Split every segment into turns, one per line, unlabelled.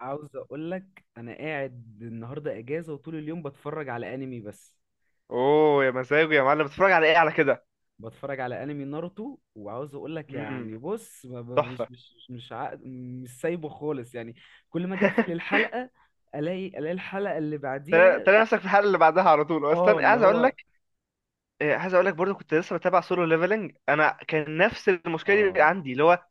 عاوز اقول لك انا قاعد النهارده اجازه وطول اليوم بتفرج على انمي بس.
اوه يا مزاجه يا معلم، بتتفرج على ايه على كده؟
بتفرج على انمي ناروتو وعاوز اقول لك يعني
امم.
بص
تحفه.
مش مش سايبه خالص يعني. كل ما اجي اقفل الحلقه الاقي الحلقه اللي
تلاقي
بعديها.
تلاقي نفسك في الحلقه اللي بعدها على طول
اه
اصلا
اللي
عايز اقول
هو.
لك. عايز اقول لك برضو كنت لسه بتابع سولو ليفلنج. انا كان نفس المشكله دي
اه
عندي، اللي هو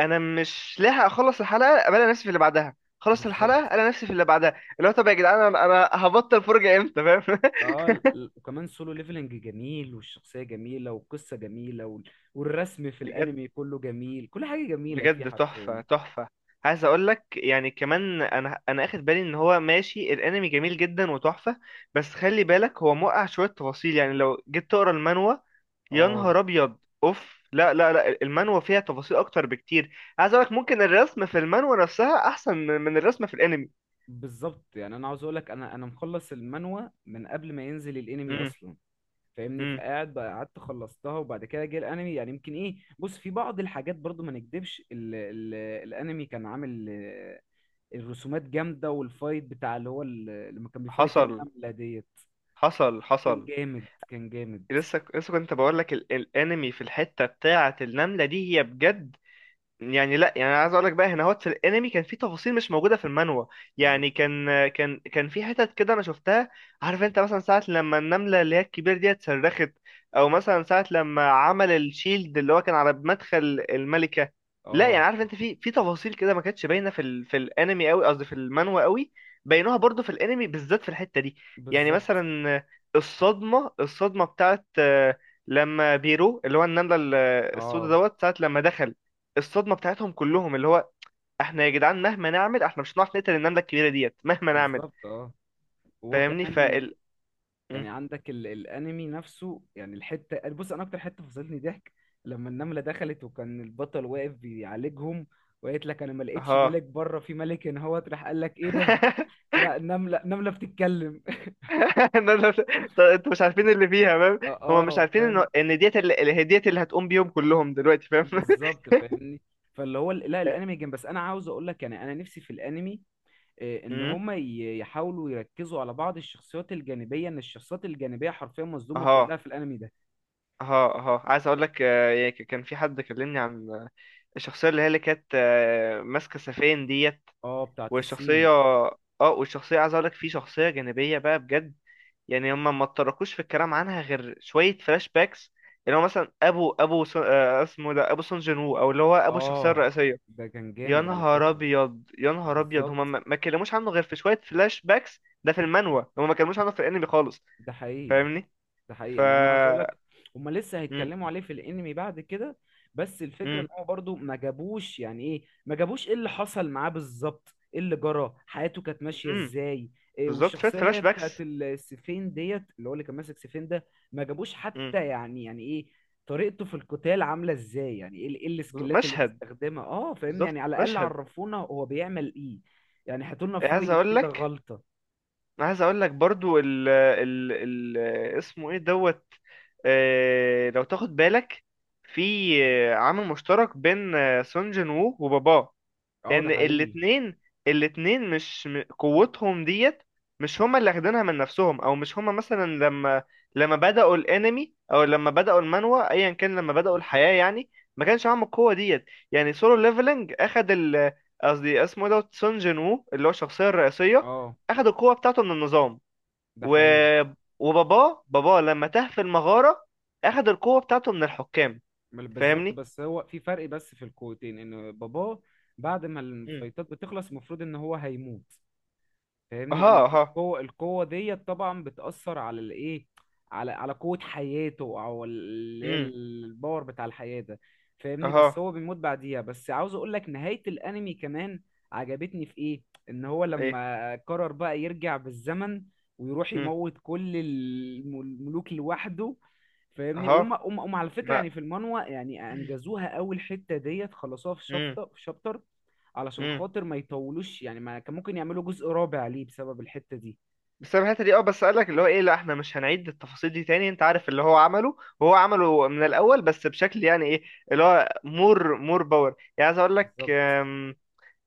انا مش لاحق اخلص الحلقه الاقي نفسي في اللي بعدها، خلص الحلقه
بالظبط.
الاقي نفسي في اللي بعدها، اللي هو طب يا جدعان انا هبطل فرجه امتى، فاهم؟
اه وكمان سولو ليفلنج جميل والشخصيه جميله والقصه جميله والرسم في
بجد،
الانمي كله جميل، كل حاجه جميله فيه
بجد،
حرفيا.
تحفة، تحفة. عايز اقول لك يعني كمان انا اخد بالي ان هو ماشي الانمي جميل جدا وتحفة. بس خلي بالك هو موقع شوية تفاصيل، يعني لو جيت تقرا المانوا يا
اه
نهار ابيض، اوف لا لا لا، المانوا فيها تفاصيل اكتر بكتير. عايز اقول لك ممكن الرسم في المانوا نفسها احسن من الرسم في الانمي.
بالظبط. يعني انا عاوز اقول لك انا مخلص المانوا من قبل ما ينزل الانمي
امم.
اصلا. فاهمني؟
امم.
فقاعد بقى، قعدت خلصتها وبعد كده جه الانمي. يعني يمكن ايه، بص في بعض الحاجات برضو ما نكدبش، ال ال الانمي كان عامل الرسومات جامده، والفايت بتاع اللي هو لما كان بيفايت
حصل،
النمله ديت
حصل،
كان
حصل.
جامد، كان جامد.
لسه لسه كنت بقول لك الانمي في الحتة بتاعة النملة دي هي بجد. يعني لا، يعني أنا عايز اقول لك بقى هنا هوت في الانمي كان في تفاصيل مش موجوده في المانوا.
بالظبط.
يعني كان في حتت كده انا شفتها. عارف انت مثلا ساعه لما النمله اللي هي الكبيره دي اتصرخت، او مثلا ساعه لما عمل الشيلد اللي هو كان على مدخل الملكه. لا يعني،
اه
عارف انت في تفاصيل كده ما كانتش باينه في الانمي قوي، قصدي في المانوا قوي. بينوها برضو في الانمي بالذات في الحته دي. يعني
بالظبط.
مثلا الصدمه الصدمه بتاعت لما بيرو اللي هو النمله السوداء
اه
دوت ساعه لما دخل، الصدمه بتاعتهم كلهم، اللي هو احنا يا جدعان مهما نعمل احنا مش هنعرف نقتل النمله الكبيره ديت مهما نعمل.
بالظبط. اه وهو
فاهمني
كمان
م.
يعني عندك الانمي نفسه، يعني الحته، بص انا اكتر حته فصلتني ضحك لما النمله دخلت وكان البطل واقف بيعالجهم وقالت لك انا ما لقيتش
اها.
ملك بره، في ملك هنا، هو راح قال لك ايه ده؟ لا النمله، النمله بتتكلم.
لا، لا، لا. طب انتوا مش عارفين اللي فيها، فاهم؟
اه
هما مش
اه
عارفين ان
فاهم.
ان ديت هي ديت اللي هتقوم بيهم كلهم دلوقتي، فاهم؟
بالظبط فاهمني. فاللي هو لا الانمي جامد، بس انا عاوز اقول لك يعني انا نفسي في الانمي ان
امم.
هما يحاولوا يركزوا على بعض الشخصيات الجانبيه، ان الشخصيات الجانبيه حرفيا مظلومه
اها.
كلها في الانمي ده.
اها. اها. عايز اقول لك، يعني كان في حد كلمني عن، الشخصيه اللي هي اللي كانت، ماسكه سفين ديت.
اه بتاعت
والشخصيه،
الصين.
اه والشخصيه، عايز اقول لك في شخصيه جانبيه بقى بجد. يعني هم ما اتطرقوش في الكلام عنها غير شويه فلاش باكس، اللي هو مثلا ابو ابو سون، اسمه ده ابو سون جين وو، او اللي هو ابو الشخصيه
اه
الرئيسيه.
ده كان
يا
جامد على
نهار
فكرة.
ابيض، يا نهار ابيض، هم
بالظبط.
ما اتكلموش عنه غير في شويه فلاش باكس ده في المانوا، هم ما اتكلموش عنه في الانمي خالص.
ده حقيقي.
فاهمني
ده حقيقي،
ف
يعني انا عايز اقول لك هما لسه
مم.
هيتكلموا عليه في الانمي بعد كده، بس الفكره ان
مم.
هو برضو ما جابوش يعني ايه، ما جابوش ايه اللي حصل معاه بالظبط، ايه اللي جرى، حياته كانت ماشيه
مم.
ازاي. إيه
بالظبط، شويه
والشخصيه اللي
فلاش
هي بتاعت
باكس.
السيفين ديت، اللي هو اللي كان ماسك سيفين ده، ما جابوش
مم.
حتى يعني، يعني ايه طريقته في القتال عامله ازاي، يعني ايه إيه السكيلات اللي
مشهد،
بيستخدمها؟ اه فاهمني،
بالظبط
يعني على الاقل
مشهد.
عرفونا هو بيعمل ايه. يعني هاتولنا
عايز
فايت
اقول
كده،
لك
غلطه.
انا عايز اقول لك برضو ال اسمه ايه دوت، لو تاخد بالك في عامل مشترك بين، سون جين وو وباباه،
اه ده
ان
حقيقي.
الاتنين، مش قوتهم ديت، مش هما اللي اخدينها من نفسهم، او مش هما مثلا لما بدأوا الانمي او لما بدأوا المانوا ايا كان، لما بدأوا
بالظبط.
الحياة يعني ما كانش معاهم القوة ديت. يعني سولو ليفلنج اخد قصدي اسمه إيه دوت سون جين وو اللي هو الشخصية الرئيسية
اه
اخد القوة بتاعته من النظام.
ده
و
حقيقي.
وباباه، باباه لما تاه في المغارة اخد القوة بتاعته من الحكام.
بالظبط،
فاهمني؟
بس هو في فرق بس في القوتين، ان باباه بعد ما
امم.
الفايتات بتخلص المفروض ان هو هيموت. فاهمني؟
اها.
ان
اها.
القوه، ديت طبعا بتاثر على الايه، على قوه حياته، او اللي هي
امم.
الباور بتاع الحياه ده. فاهمني؟ بس
اها.
هو بيموت بعديها. بس عاوز اقول لك نهايه الانمي كمان عجبتني في ايه، ان هو
ايه.
لما قرر بقى يرجع بالزمن ويروح يموت كل الملوك لوحده. فاهمني؟
اه.
وهم هم هم على فكره،
ما.
يعني في المانوا يعني انجزوها، اول حته ديت خلصوها في
امم.
شابتر، في شابتر، علشان
امم.
خاطر ما يطولوش يعني. ما كان ممكن يعملوا جزء رابع ليه بسبب الحتة دي.
بسبب الحته دي، اه، بس قال لك اللي هو ايه، لا احنا مش هنعيد التفاصيل دي تاني، انت عارف اللي هو عمله، وهو عمله من الاول بس بشكل يعني ايه، اللي هو مور باور، يعني عايز اقول لك،
بالظبط.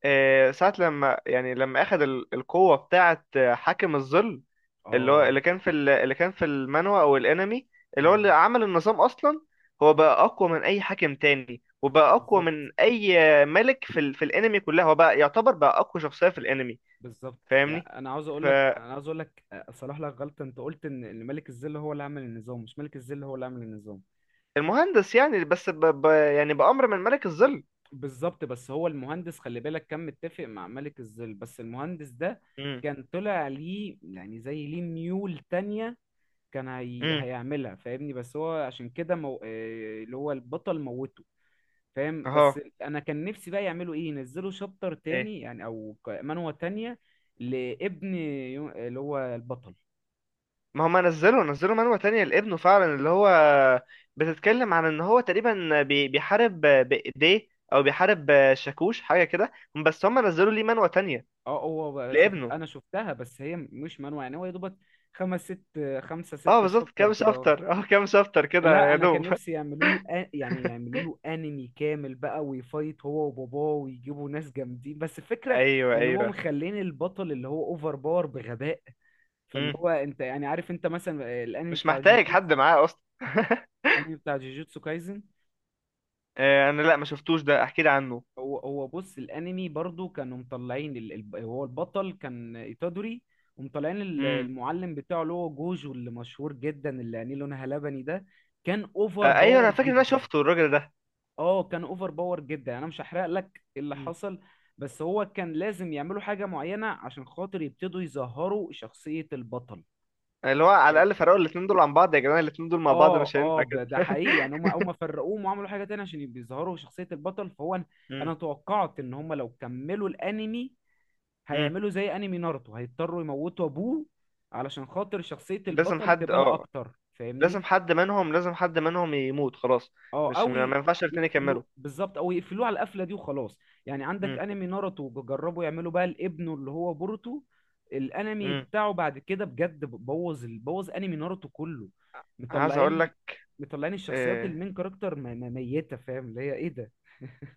ساعه لما يعني لما اخذ القوه بتاعه، حاكم الظل، اللي هو
اه
اللي كان في المانوا او الانمي، اللي هو اللي
مم.
عمل النظام اصلا. هو بقى اقوى من اي حاكم تاني، وبقى اقوى
بالظبط.
من اي ملك في الانمي كلها، هو بقى يعتبر بقى اقوى شخصيه في الانمي.
بالظبط
فاهمني؟
يعني انا عاوز اقول لك، صلاح لك غلطة، انت قلت ان إن ملك الظل هو اللي عمل النظام، مش ملك الظل هو اللي عمل النظام،
فالمهندس يعني، بس يعني بأمر من ملك الظل.
بالظبط، بس هو المهندس خلي بالك كان متفق مع ملك الظل، بس المهندس ده
امم.
كان طلع ليه يعني زي ليه ميول تانية كان
امم.
هيعملها. فاهمني؟ بس هو عشان كده اللي هو البطل موته. فاهم؟
اهو.
بس انا كان نفسي بقى يعملوا ايه، ينزلوا شابتر
ايه.
تاني يعني، او منوة تانية لابن اللي هو البطل.
ما هم نزلوا نزلوا منوة تانية لابنه فعلا، اللي هو بتتكلم عن ان هو تقريبا بيحارب بإيديه، او بيحارب شاكوش حاجة كده، بس هم نزلوا ليه منوة تانية
اه هو بقى، شفت
لابنه.
انا شفتها، بس هي مش منوة، يعني هو يا دوبك خمس ست خمسة
اه،
ستة
بالظبط،
شابتر
كام
كده اهو.
شابتر اه كام شابتر كده
لا
يا
انا كان
دوب.
نفسي يعملوا له يعني يعملوا له انمي كامل بقى، ويفايت هو وباباه، ويجيبوا ناس جامدين، بس الفكرة
ايوه،
ان هم
ايوه.
مخلين البطل اللي هو اوفر باور بغباء. فاللي
امم.
هو انت يعني عارف انت مثلا الانمي
مش
بتاع
محتاج
جوجوتسو،
حد معاه اصلا.
الانمي بتاع جوجوتسو كايزن.
انا لا ما شفتوش ده، احكي لي عنه.
هو بص الانمي برضو كانوا مطلعين هو البطل كان ايتادوري، ومطلعين
امم.
المعلم بتاعه اللي هو جوجو اللي مشهور جدا اللي عينيه لونها لبني ده كان اوفر
ايوه،
باور
انا فاكر ان انا
جدا.
شفته الراجل ده.
اه كان اوفر باور جدا، يعني انا مش هحرق لك اللي
مم.
حصل، بس هو كان لازم يعملوا حاجة معينة عشان خاطر يبتدوا يظهروا شخصية البطل.
اللي هو على الاقل فرقوا الاتنين دول عن بعض، يا جدعان الاتنين دول مع بعض
اه
مش
اه
هينفع كده.
ده حقيقي، يعني هم فرقوهم وعملوا حاجة تانية عشان يبقوا يظهروا شخصية البطل. فهو أنا
مم.
توقعت ان هم لو كملوا الانمي
مم.
هيعملوا زي انمي ناruتو، هيضطروا يموتوا ابوه علشان خاطر شخصية
لازم
البطل
حد،
تبان اكتر. فاهمني؟
لازم حد منهم يموت خلاص،
اه
مش
او
ما ما ينفعش الاتنين
يقفلوه
يكملوا.
بالظبط، او يقفلوه على القفلة دي وخلاص. يعني عندك
مم.
انمي ناروتو بيجربوا يعملوا بقى لابنه اللي هو بوروتو، الانمي
مم.
بتاعه بعد كده بجد بوظ بوظ انمي ناروتو كله.
عايز اقول
مطلعين،
لك
مطلعين الشخصيات
آه،
المين كاركتر ميتة. فاهم اللي هي ايه ده؟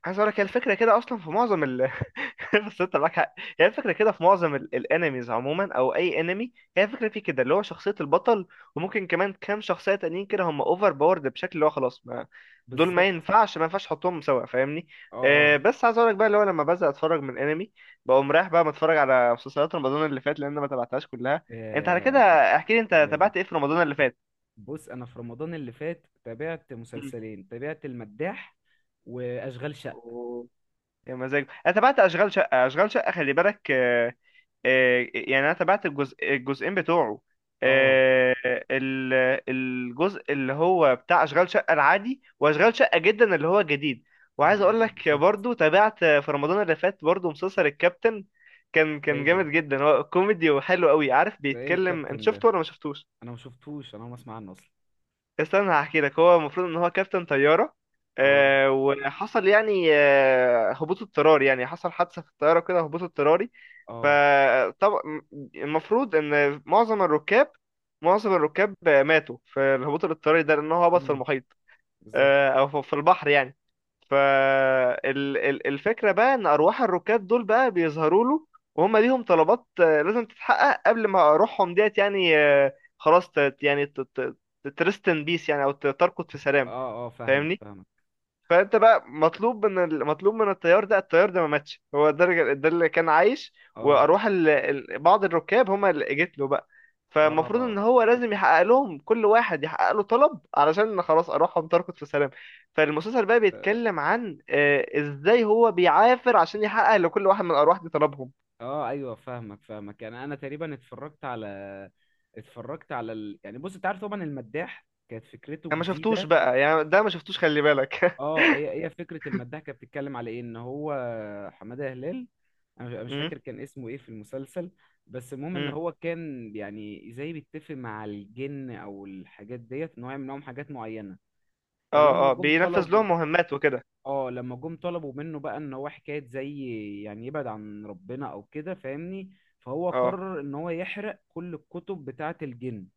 عايز اقول لك هي الفكره كده اصلا في معظم بس انت معاك حق، هي الفكره كده في معظم الانميز عموما، او اي انمي هي الفكره فيه كده، اللي هو شخصيه البطل وممكن كمان كام شخصيه تانيين كده هم اوفر باورد بشكل اللي هو خلاص، ما دول
بالظبط.
ما ينفعش تحطهم سوا، فاهمني؟
اه اه.
بس عايز اقول لك بقى، اللي هو لما بزهق اتفرج من انمي بقوم رايح بقى متفرج على مسلسلات رمضان اللي فات، لان أنا ما تابعتهاش كلها. انت على كده
آه،
احكي لي، انت
جمال.
تابعت ايه في رمضان اللي فات؟
بص انا في رمضان اللي فات تابعت
مم.
مسلسلين، تابعت المداح واشغال شقه.
أوه. يا مزاج، انا تابعت اشغال شقه، اشغال شقه خلي بالك، يعني انا تابعت الجزء، الجزئين بتوعه،
اه
آه، ال- الجزء اللي هو بتاع اشغال شقه العادي، واشغال شقه جدا اللي هو جديد. وعايز اقول
الجديد
لك
بالظبط.
برضو، تابعت في رمضان اللي فات برضو مسلسل الكابتن. كان
ده ايه
كان جامد
ده؟
جدا، هو كوميدي وحلو قوي. عارف
ده ايه
بيتكلم، انت
الكابتن
شفته
ده؟
ولا ما شفتوش؟
انا ما شفتوش، انا ما اسمع عنه اصلا.
استنى هحكي لك. هو المفروض ان هو كابتن طياره،
اه
وحصل يعني هبوط اضطراري، يعني حصل حادثه في الطياره كده، هبوط اضطراري.
اه.
فطبعا المفروض ان معظم الركاب، ماتوا في الهبوط الاضطراري ده لان هو هبط في
امم.
المحيط،
بالظبط.
او في البحر يعني. فالفكرة بقى ان ارواح الركاب دول بقى بيظهروا له، وهم ليهم طلبات لازم تتحقق قبل ما روحهم ديت يعني خلاص يعني ترست ان بيس يعني، او ترقد في سلام.
اه اه فاهمك،
فاهمني؟
فاهمك.
فانت بقى مطلوب مطلوب من الطيار ده، الطيار ده ما ماتش، هو ده ده اللي كان عايش،
اه
واروح بعض الركاب هما اللي جت له بقى.
اه
فالمفروض ان
اه
هو لازم يحقق لهم، كل واحد يحقق له طلب علشان خلاص اروحهم تركض في سلام. فالمسلسل بقى بيتكلم عن ازاي هو بيعافر عشان يحقق لكل واحد من الارواح دي طلبهم.
ايوه فاهمك، فاهمك. يعني انا تقريبا اتفرجت على، اتفرجت على يعني بص انت عارف طبعا المداح كانت فكرته
انا ما
جديده.
شفتوش بقى يعني ده، ما شفتوش خلي بالك.
اه هي فكره المداح كانت بتتكلم على ايه، ان هو حماده هلال، مش، أنا مش
امم.
فاكر كان اسمه ايه في المسلسل، بس المهم ان
امم.
هو كان يعني زي بيتفق مع الجن او الحاجات ديت ان هو يعمل لهم حاجات معينه.
اه.
فلما
اه.
جم
بينفذ
طلبوا،
لهم مهمات وكده.
اه لما جم طلبوا منه بقى ان هو حكايه زي يعني يبعد عن ربنا او كده، فاهمني؟ فهو
اه،
قرر ان هو يحرق كل الكتب بتاعه الجن.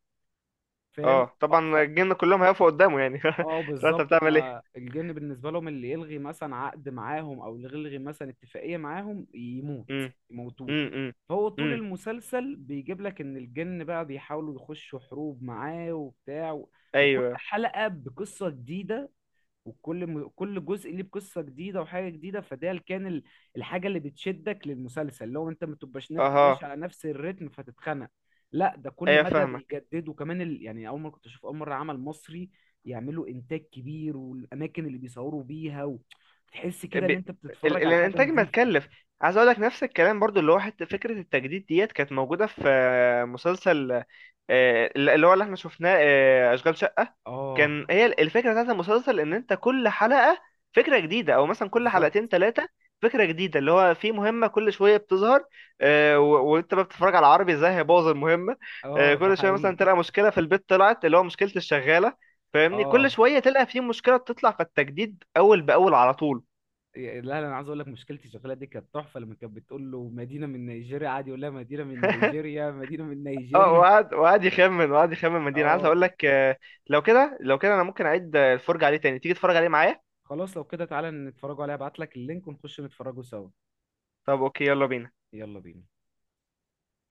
فاهم؟
اه، طبعا الجن كلهم هيقفوا قدامه يعني.
اه
لو انت
بالظبط،
بتعمل
هما
ايه.
الجن بالنسبة لهم اللي يلغي مثلا عقد معاهم او اللي يلغي مثلا اتفاقية معاهم يموت،
امم.
يموتوه.
امم. امم.
فهو طول
أمم.
المسلسل بيجيب لك ان الجن بقى بيحاولوا يخشوا حروب معاه وبتاع وكل
ايوه.
حلقة بقصة جديدة، كل جزء ليه بقصه جديده وحاجه جديده. فده اللي كان الحاجه اللي بتشدك للمسلسل، لو انت ما تبقاش ماشي
اها.
على نفس الريتم فتتخنق. لا ده كل
ايوه
مدى
فاهمك.
بيجدد، وكمان يعني اول مره كنت اشوف اول مره عمل مصري يعملوا انتاج كبير، والاماكن اللي بيصوروا بيها تحس كده
ب...
ان
ال...
انت بتتفرج على حاجه
الانتاج ما
نظيفه.
تكلف. عايز اقول لك نفس الكلام برضو، اللي هو حتى فكره التجديد ديت كانت موجوده في مسلسل، اللي هو اللي احنا شفناه، اشغال شقه.
اه
كان هي الفكره بتاعت المسلسل ان انت كل حلقه فكره جديده، او مثلا كل
بالظبط.
حلقتين ثلاثه فكره جديده، اللي هو في مهمه كل شويه بتظهر، وانت بقى بتتفرج على عربي ازاي هيبوظ المهمه.
اه ده
كل شويه مثلا
حقيقي.
تلقى مشكله في البيت، طلعت اللي هو مشكله الشغاله. فاهمني، كل
اه
شويه تلقى في مشكله بتطلع، فالتجديد اول باول على طول.
لا لا انا عايز اقول لك مشكلتي الشغاله دي كانت تحفه، لما كانت بتقول له مدينه من نيجيريا قعد يقول لها مدينه من نيجيريا، مدينه من
اه،
نيجيريا.
وقعد، يخمن، وقعد يخمن مدينة. عايز
اه
اقول لك لو كده لو كده انا ممكن اعيد الفرجة عليه تاني، تيجي تتفرج عليه معايا.
خلاص لو كده تعالى نتفرجوا عليها، ابعت لك اللينك ونخش نتفرجوا سوا.
طب اوكي، يلا بينا.
يلا بينا.